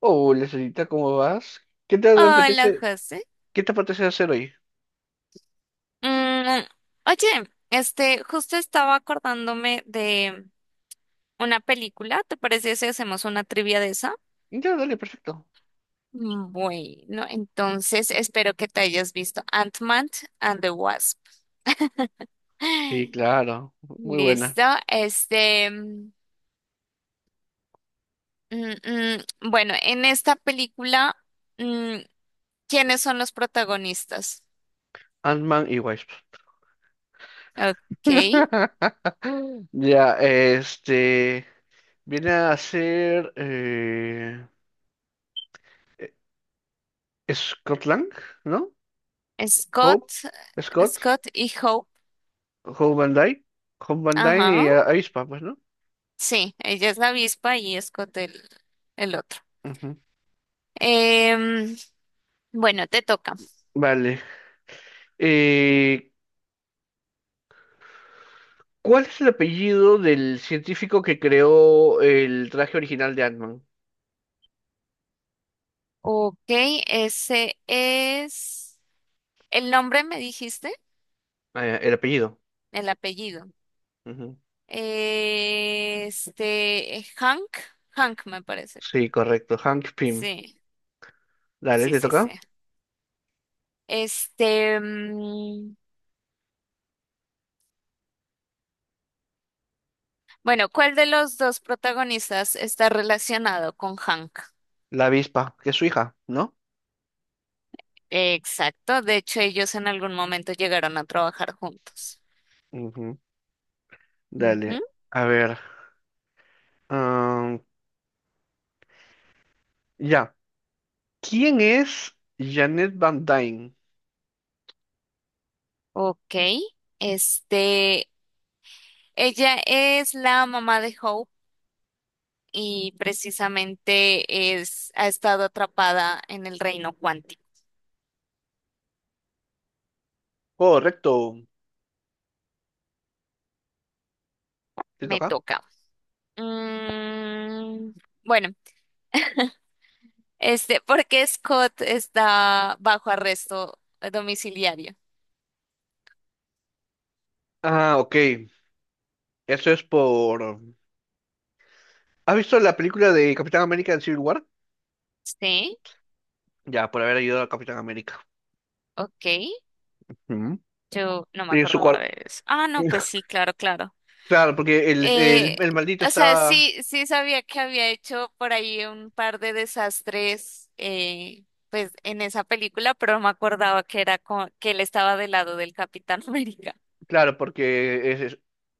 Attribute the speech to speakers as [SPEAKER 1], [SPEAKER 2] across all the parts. [SPEAKER 1] Hola, señorita, ¿cómo vas? ¿Qué te
[SPEAKER 2] Hola,
[SPEAKER 1] apetece,
[SPEAKER 2] José.
[SPEAKER 1] qué te apetece hacer hoy?
[SPEAKER 2] Mm, oye, justo estaba acordándome de una película. ¿Te parece si hacemos una trivia de esa?
[SPEAKER 1] Ya, dale, perfecto.
[SPEAKER 2] Bueno, entonces espero que te hayas visto Ant-Man and the Wasp.
[SPEAKER 1] Sí, claro, muy buena.
[SPEAKER 2] Listo. Este, mm, mm, bueno, en esta película, mm, ¿quiénes son los protagonistas?
[SPEAKER 1] Ant-Man y Wasp.
[SPEAKER 2] Ok,
[SPEAKER 1] Ya, este, viene a ser eh, Scott Lang, ¿no? Hope,
[SPEAKER 2] Scott,
[SPEAKER 1] Scott,
[SPEAKER 2] Scott y Hope.
[SPEAKER 1] Hope Van Dyne, Hope Van Dyne
[SPEAKER 2] Ajá.
[SPEAKER 1] y Aespa, pues, ¿no?
[SPEAKER 2] Sí, ella es la avispa y Scott el otro.
[SPEAKER 1] Ujú.
[SPEAKER 2] Em, bueno, te toca.
[SPEAKER 1] Vale. Eh, ¿Cuál es el apellido del científico que creó el traje original de Ant-Man?
[SPEAKER 2] Ok, ese es. El nombre me dijiste,
[SPEAKER 1] El apellido.
[SPEAKER 2] el apellido.
[SPEAKER 1] Ujú.
[SPEAKER 2] Este, Hank, Hank me parece.
[SPEAKER 1] Sí, correcto. Hank Pym.
[SPEAKER 2] Sí,
[SPEAKER 1] Dale,
[SPEAKER 2] sí,
[SPEAKER 1] te
[SPEAKER 2] sí, sí.
[SPEAKER 1] toca.
[SPEAKER 2] Este, mm, bueno, ¿cuál de los dos protagonistas está relacionado con Hank?
[SPEAKER 1] La avispa, que es su hija, ¿no?
[SPEAKER 2] Exacto, de hecho ellos en algún momento llegaron a trabajar juntos.
[SPEAKER 1] Ujú. Dale. A ver. am, ya. ¿Quién es Janet Van Dyne?
[SPEAKER 2] Ok, este, ella es la mamá de Hope y precisamente ha estado atrapada en el reino cuántico.
[SPEAKER 1] Correcto. ¿Te
[SPEAKER 2] Me
[SPEAKER 1] toca?
[SPEAKER 2] toca. Mm, bueno, ¿por qué Scott está bajo arresto domiciliario?
[SPEAKER 1] Ah, ok. Eso es por... ¿Has visto la película de Capitán América en Civil War?
[SPEAKER 2] Sí,
[SPEAKER 1] Ya, por haber ayudado a Capitán América.
[SPEAKER 2] ok,
[SPEAKER 1] Ujú.
[SPEAKER 2] yo no me
[SPEAKER 1] Y en su
[SPEAKER 2] acordaba
[SPEAKER 1] cuarto...
[SPEAKER 2] de eso. Ah, no, pues sí, claro, claro.
[SPEAKER 1] Claro, porque el, el,
[SPEAKER 2] Eh,
[SPEAKER 1] el maldito
[SPEAKER 2] o sea,
[SPEAKER 1] estaba...
[SPEAKER 2] sí, sí sabía que había hecho por ahí un par de desastres, pues en esa película, pero no me acordaba que era que él estaba del lado del Capitán América.
[SPEAKER 1] Claro, porque es,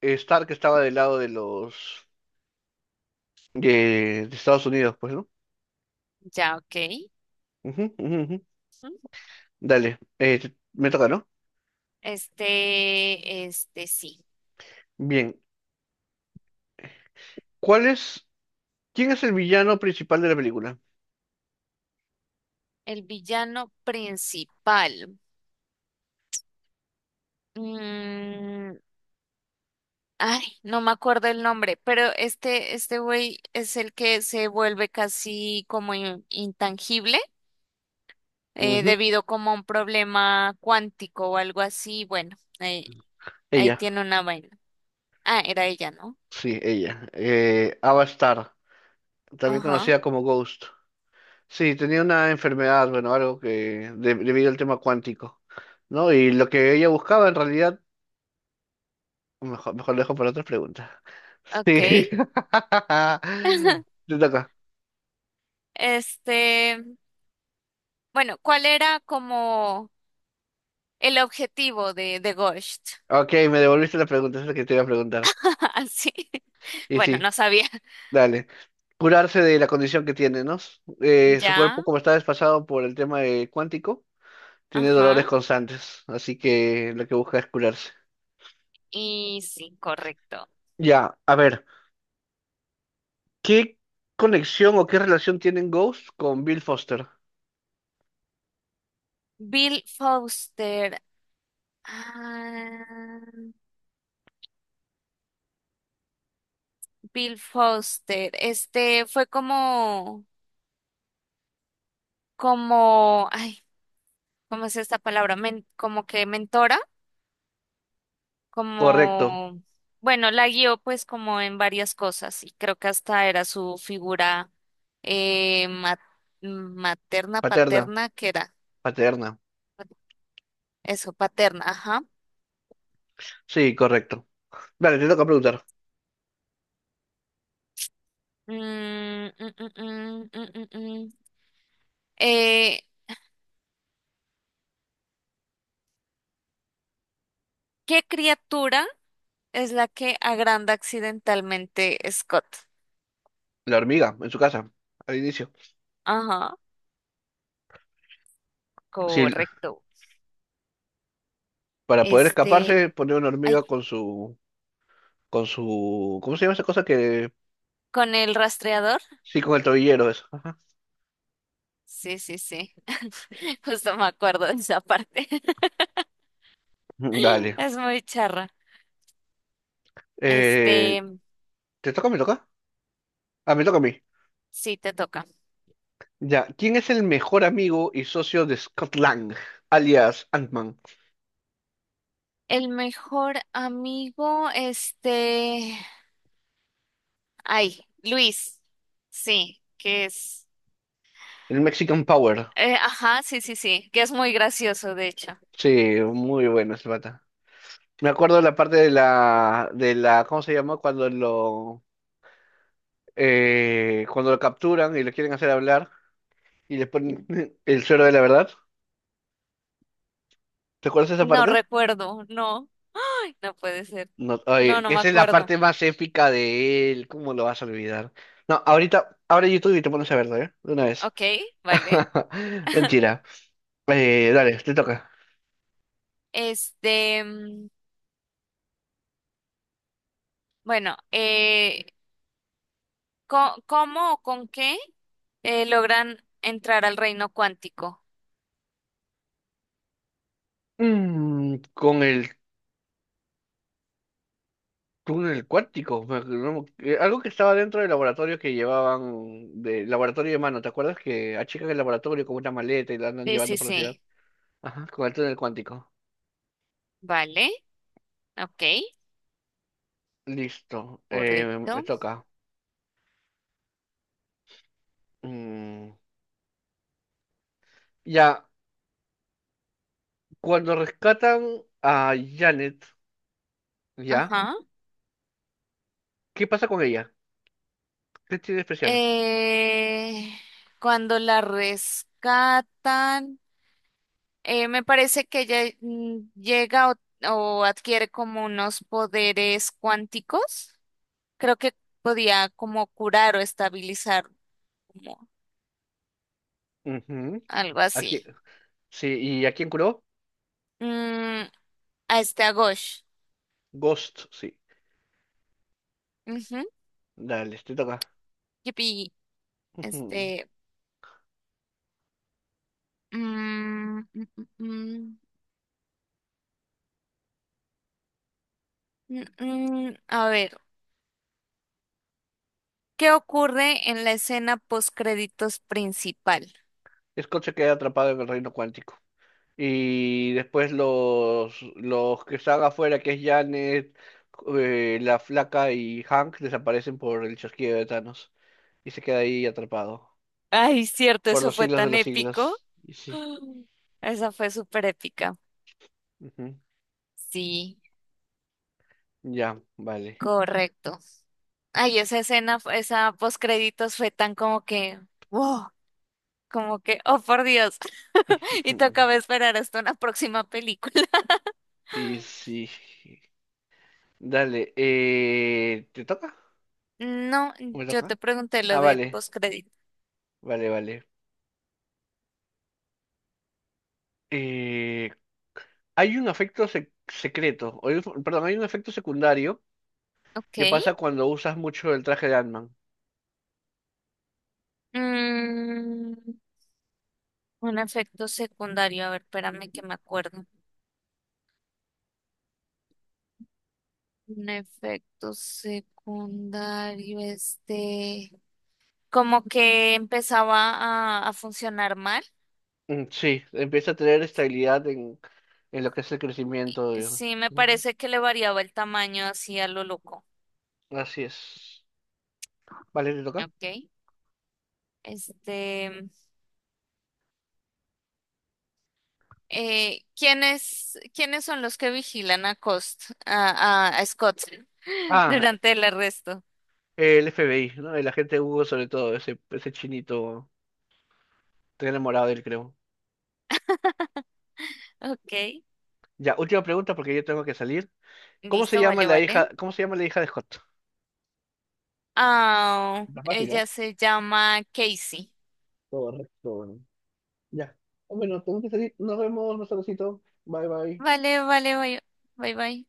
[SPEAKER 1] es- Stark estaba del lado de los... de Estados Unidos, pues, ¿no?
[SPEAKER 2] Ya, ok.
[SPEAKER 1] Ujú.
[SPEAKER 2] Ujú.
[SPEAKER 1] Dale, me toca, ¿no?
[SPEAKER 2] Este sí.
[SPEAKER 1] Bien, ¿cuál es, ¿quién es el villano principal de la película?
[SPEAKER 2] El villano principal. Mm, Ay, no me acuerdo el nombre, pero este güey es el que se vuelve casi como intangible. eh,
[SPEAKER 1] Ujú,
[SPEAKER 2] debido como a un problema cuántico o algo así. Bueno, ahí
[SPEAKER 1] Ella,
[SPEAKER 2] tiene una vaina. Ah, era ella, ¿no?
[SPEAKER 1] sí, ella. Ava Starr, también
[SPEAKER 2] Ajá,
[SPEAKER 1] conocida como Ghost. Sí, tenía una enfermedad, bueno, algo que debido al tema cuántico, ¿no? Y lo que ella buscaba en realidad, mejor lo dejo para otras preguntas.
[SPEAKER 2] ok.
[SPEAKER 1] Sí. Te toca.
[SPEAKER 2] Este, bueno, ¿cuál era como el objetivo de Ghost?
[SPEAKER 1] Ok, me devolviste la pregunta, esa es la que te iba a preguntar.
[SPEAKER 2] Así.
[SPEAKER 1] Y
[SPEAKER 2] Bueno,
[SPEAKER 1] sí.
[SPEAKER 2] no sabía.
[SPEAKER 1] Dale. Curarse de la condición que tiene, ¿no? Su
[SPEAKER 2] Ya,
[SPEAKER 1] cuerpo, como está desfasado por el tema de cuántico, tiene
[SPEAKER 2] ajá.
[SPEAKER 1] dolores constantes, así que lo que busca es curarse.
[SPEAKER 2] Y sí, correcto.
[SPEAKER 1] Ya, a ver, ¿qué conexión o qué relación tienen Ghost con Bill Foster?
[SPEAKER 2] Bill Foster. Ah, Bill Foster. Este fue como, ay, ¿cómo es esta palabra? Como que mentora,
[SPEAKER 1] Correcto.
[SPEAKER 2] como, bueno, la guió pues como en varias cosas y creo que hasta era su figura eh, ma- materna,
[SPEAKER 1] Paterna.
[SPEAKER 2] paterna, ¿que era?
[SPEAKER 1] Paterna.
[SPEAKER 2] Eso, paterna, ajá.
[SPEAKER 1] Sí, correcto. Vale, te toca preguntar.
[SPEAKER 2] Mm, mm, mm, mm, mm, mm, mm. Eh, ¿Qué criatura es la que agranda accidentalmente Scott?
[SPEAKER 1] La hormiga, en su casa, al inicio.
[SPEAKER 2] Ajá,
[SPEAKER 1] Sí,
[SPEAKER 2] correcto.
[SPEAKER 1] para poder
[SPEAKER 2] Este,
[SPEAKER 1] escaparse, pone una
[SPEAKER 2] Ay,
[SPEAKER 1] hormiga con su, ¿cómo se llama esa cosa que,
[SPEAKER 2] con el rastreador.
[SPEAKER 1] sí, con el tobillero, eso. Ajá.
[SPEAKER 2] Sí, sí, sí. Justo me acuerdo de esa parte.
[SPEAKER 1] Dale.
[SPEAKER 2] Es muy charra.
[SPEAKER 1] Eh,
[SPEAKER 2] Este,
[SPEAKER 1] ¿Te toca o me toca? Ah, me toca a mí.
[SPEAKER 2] sí, te toca.
[SPEAKER 1] Ya. ¿Quién es el mejor amigo y socio de Scott Lang, alias Ant-Man?
[SPEAKER 2] El mejor amigo, ay, Luis. Sí, que es,
[SPEAKER 1] El Mexican Power.
[SPEAKER 2] ajá, sí, sí, sí, que es muy gracioso, de hecho.
[SPEAKER 1] Sí, muy bueno ese pata. Me acuerdo de la parte de la, ¿cómo se llama? Cuando lo capturan y lo quieren hacer hablar y le ponen el suero de la verdad. ¿Te acuerdas de esa
[SPEAKER 2] No
[SPEAKER 1] parte?
[SPEAKER 2] recuerdo, no. Ay, no puede ser.
[SPEAKER 1] No,
[SPEAKER 2] No,
[SPEAKER 1] oye,
[SPEAKER 2] no me
[SPEAKER 1] esa es la
[SPEAKER 2] acuerdo.
[SPEAKER 1] parte más épica de él. ¿Cómo lo vas a olvidar? No, ahorita, abre YouTube y te pones a verlo, ¿eh? De una vez.
[SPEAKER 2] Ok, vale.
[SPEAKER 1] Mentira. Dale, te toca.
[SPEAKER 2] Este, mm, bueno, ¿cómo o con qué? Logran entrar al reino cuántico.
[SPEAKER 1] Mm, con el túnel cuántico. Me no me- algo que estaba dentro del laboratorio que llevaban, de laboratorio de mano, ¿te acuerdas que achican el laboratorio con una maleta y la andan
[SPEAKER 2] Sí, sí,
[SPEAKER 1] llevando por la ciudad?
[SPEAKER 2] sí.
[SPEAKER 1] Ajá, con el túnel cuántico.
[SPEAKER 2] Vale, ok,
[SPEAKER 1] Listo, me
[SPEAKER 2] correcto.
[SPEAKER 1] toca. Mm, ya, cuando rescatan a Janet, ¿ya?
[SPEAKER 2] Ajá.
[SPEAKER 1] ¿Qué pasa con ella? ¿Qué tiene de especial?
[SPEAKER 2] Eh, Cuando la rescatan, me parece que ella llega o adquiere como unos poderes cuánticos. Creo que podía como curar o estabilizar, como
[SPEAKER 1] Ujú,
[SPEAKER 2] algo
[SPEAKER 1] Aquí,
[SPEAKER 2] así.
[SPEAKER 1] sí, ¿y a quién curó?
[SPEAKER 2] Mm, a Ghosh.
[SPEAKER 1] Ghost, sí.
[SPEAKER 2] Ujú.
[SPEAKER 1] Dale, te toca.
[SPEAKER 2] Yupi.
[SPEAKER 1] Ujú.
[SPEAKER 2] Este. Mm, mm, mm, mm, mm, a ver, ¿qué ocurre en la escena post créditos principal?
[SPEAKER 1] Scott se queda atrapado en el reino cuántico. Y después los que están afuera, que es Janet, la flaca y Hank, desaparecen por el chasquido de Thanos. Y se queda ahí atrapado.
[SPEAKER 2] Ay, cierto,
[SPEAKER 1] Por
[SPEAKER 2] eso
[SPEAKER 1] los
[SPEAKER 2] fue
[SPEAKER 1] siglos de
[SPEAKER 2] tan
[SPEAKER 1] los
[SPEAKER 2] épico.
[SPEAKER 1] siglos. Y sí.
[SPEAKER 2] Esa fue súper épica.
[SPEAKER 1] ujú,
[SPEAKER 2] Sí,
[SPEAKER 1] Ya, vale.
[SPEAKER 2] correcto. Ay, esa escena, esa post créditos fue tan como que, wow, como que, oh por Dios, y
[SPEAKER 1] ujú,
[SPEAKER 2] tocaba esperar hasta una próxima película.
[SPEAKER 1] Y sí. Dale, ¿te toca?
[SPEAKER 2] No,
[SPEAKER 1] ¿Me
[SPEAKER 2] yo
[SPEAKER 1] toca?
[SPEAKER 2] te pregunté lo
[SPEAKER 1] Ah,
[SPEAKER 2] de post crédito.
[SPEAKER 1] vale. Eh, hay un efecto secreto, o hay perdón, hay un efecto secundario
[SPEAKER 2] Ok.
[SPEAKER 1] ¿Qué pasa cuando usas mucho el traje de Ant-Man?
[SPEAKER 2] Mm, Un efecto secundario, a ver, espérame que me acuerdo. Un efecto secundario, como que empezaba a funcionar mal.
[SPEAKER 1] Mm, Sí, empieza a tener estabilidad en lo que es el crecimiento. Digamos.
[SPEAKER 2] Sí, me
[SPEAKER 1] Ujú.
[SPEAKER 2] parece que le variaba el tamaño así a lo loco.
[SPEAKER 1] Así es. Vale, ¿te toca?
[SPEAKER 2] Ok. Este, ¿Quiénes son los que vigilan a Cost, a Scott
[SPEAKER 1] Ah,
[SPEAKER 2] durante el arresto?
[SPEAKER 1] el FBI, ¿no? El agente Hugo sobre todo, ese chinito. Estoy enamorado de él, creo.
[SPEAKER 2] Ok,
[SPEAKER 1] Ya, última pregunta porque yo tengo que salir. ¿Cómo se
[SPEAKER 2] listo,
[SPEAKER 1] llama
[SPEAKER 2] vale,
[SPEAKER 1] la hija,
[SPEAKER 2] vale.
[SPEAKER 1] cómo se llama la hija de Scott?
[SPEAKER 2] Ah,
[SPEAKER 1] Está fácil, ¿eh?
[SPEAKER 2] ella se llama Casey.
[SPEAKER 1] Correcto. Ya. Bueno, tengo que salir. Nos vemos, Marcelocito. Bye, bye.
[SPEAKER 2] Vale, vale, bye, bye, bye.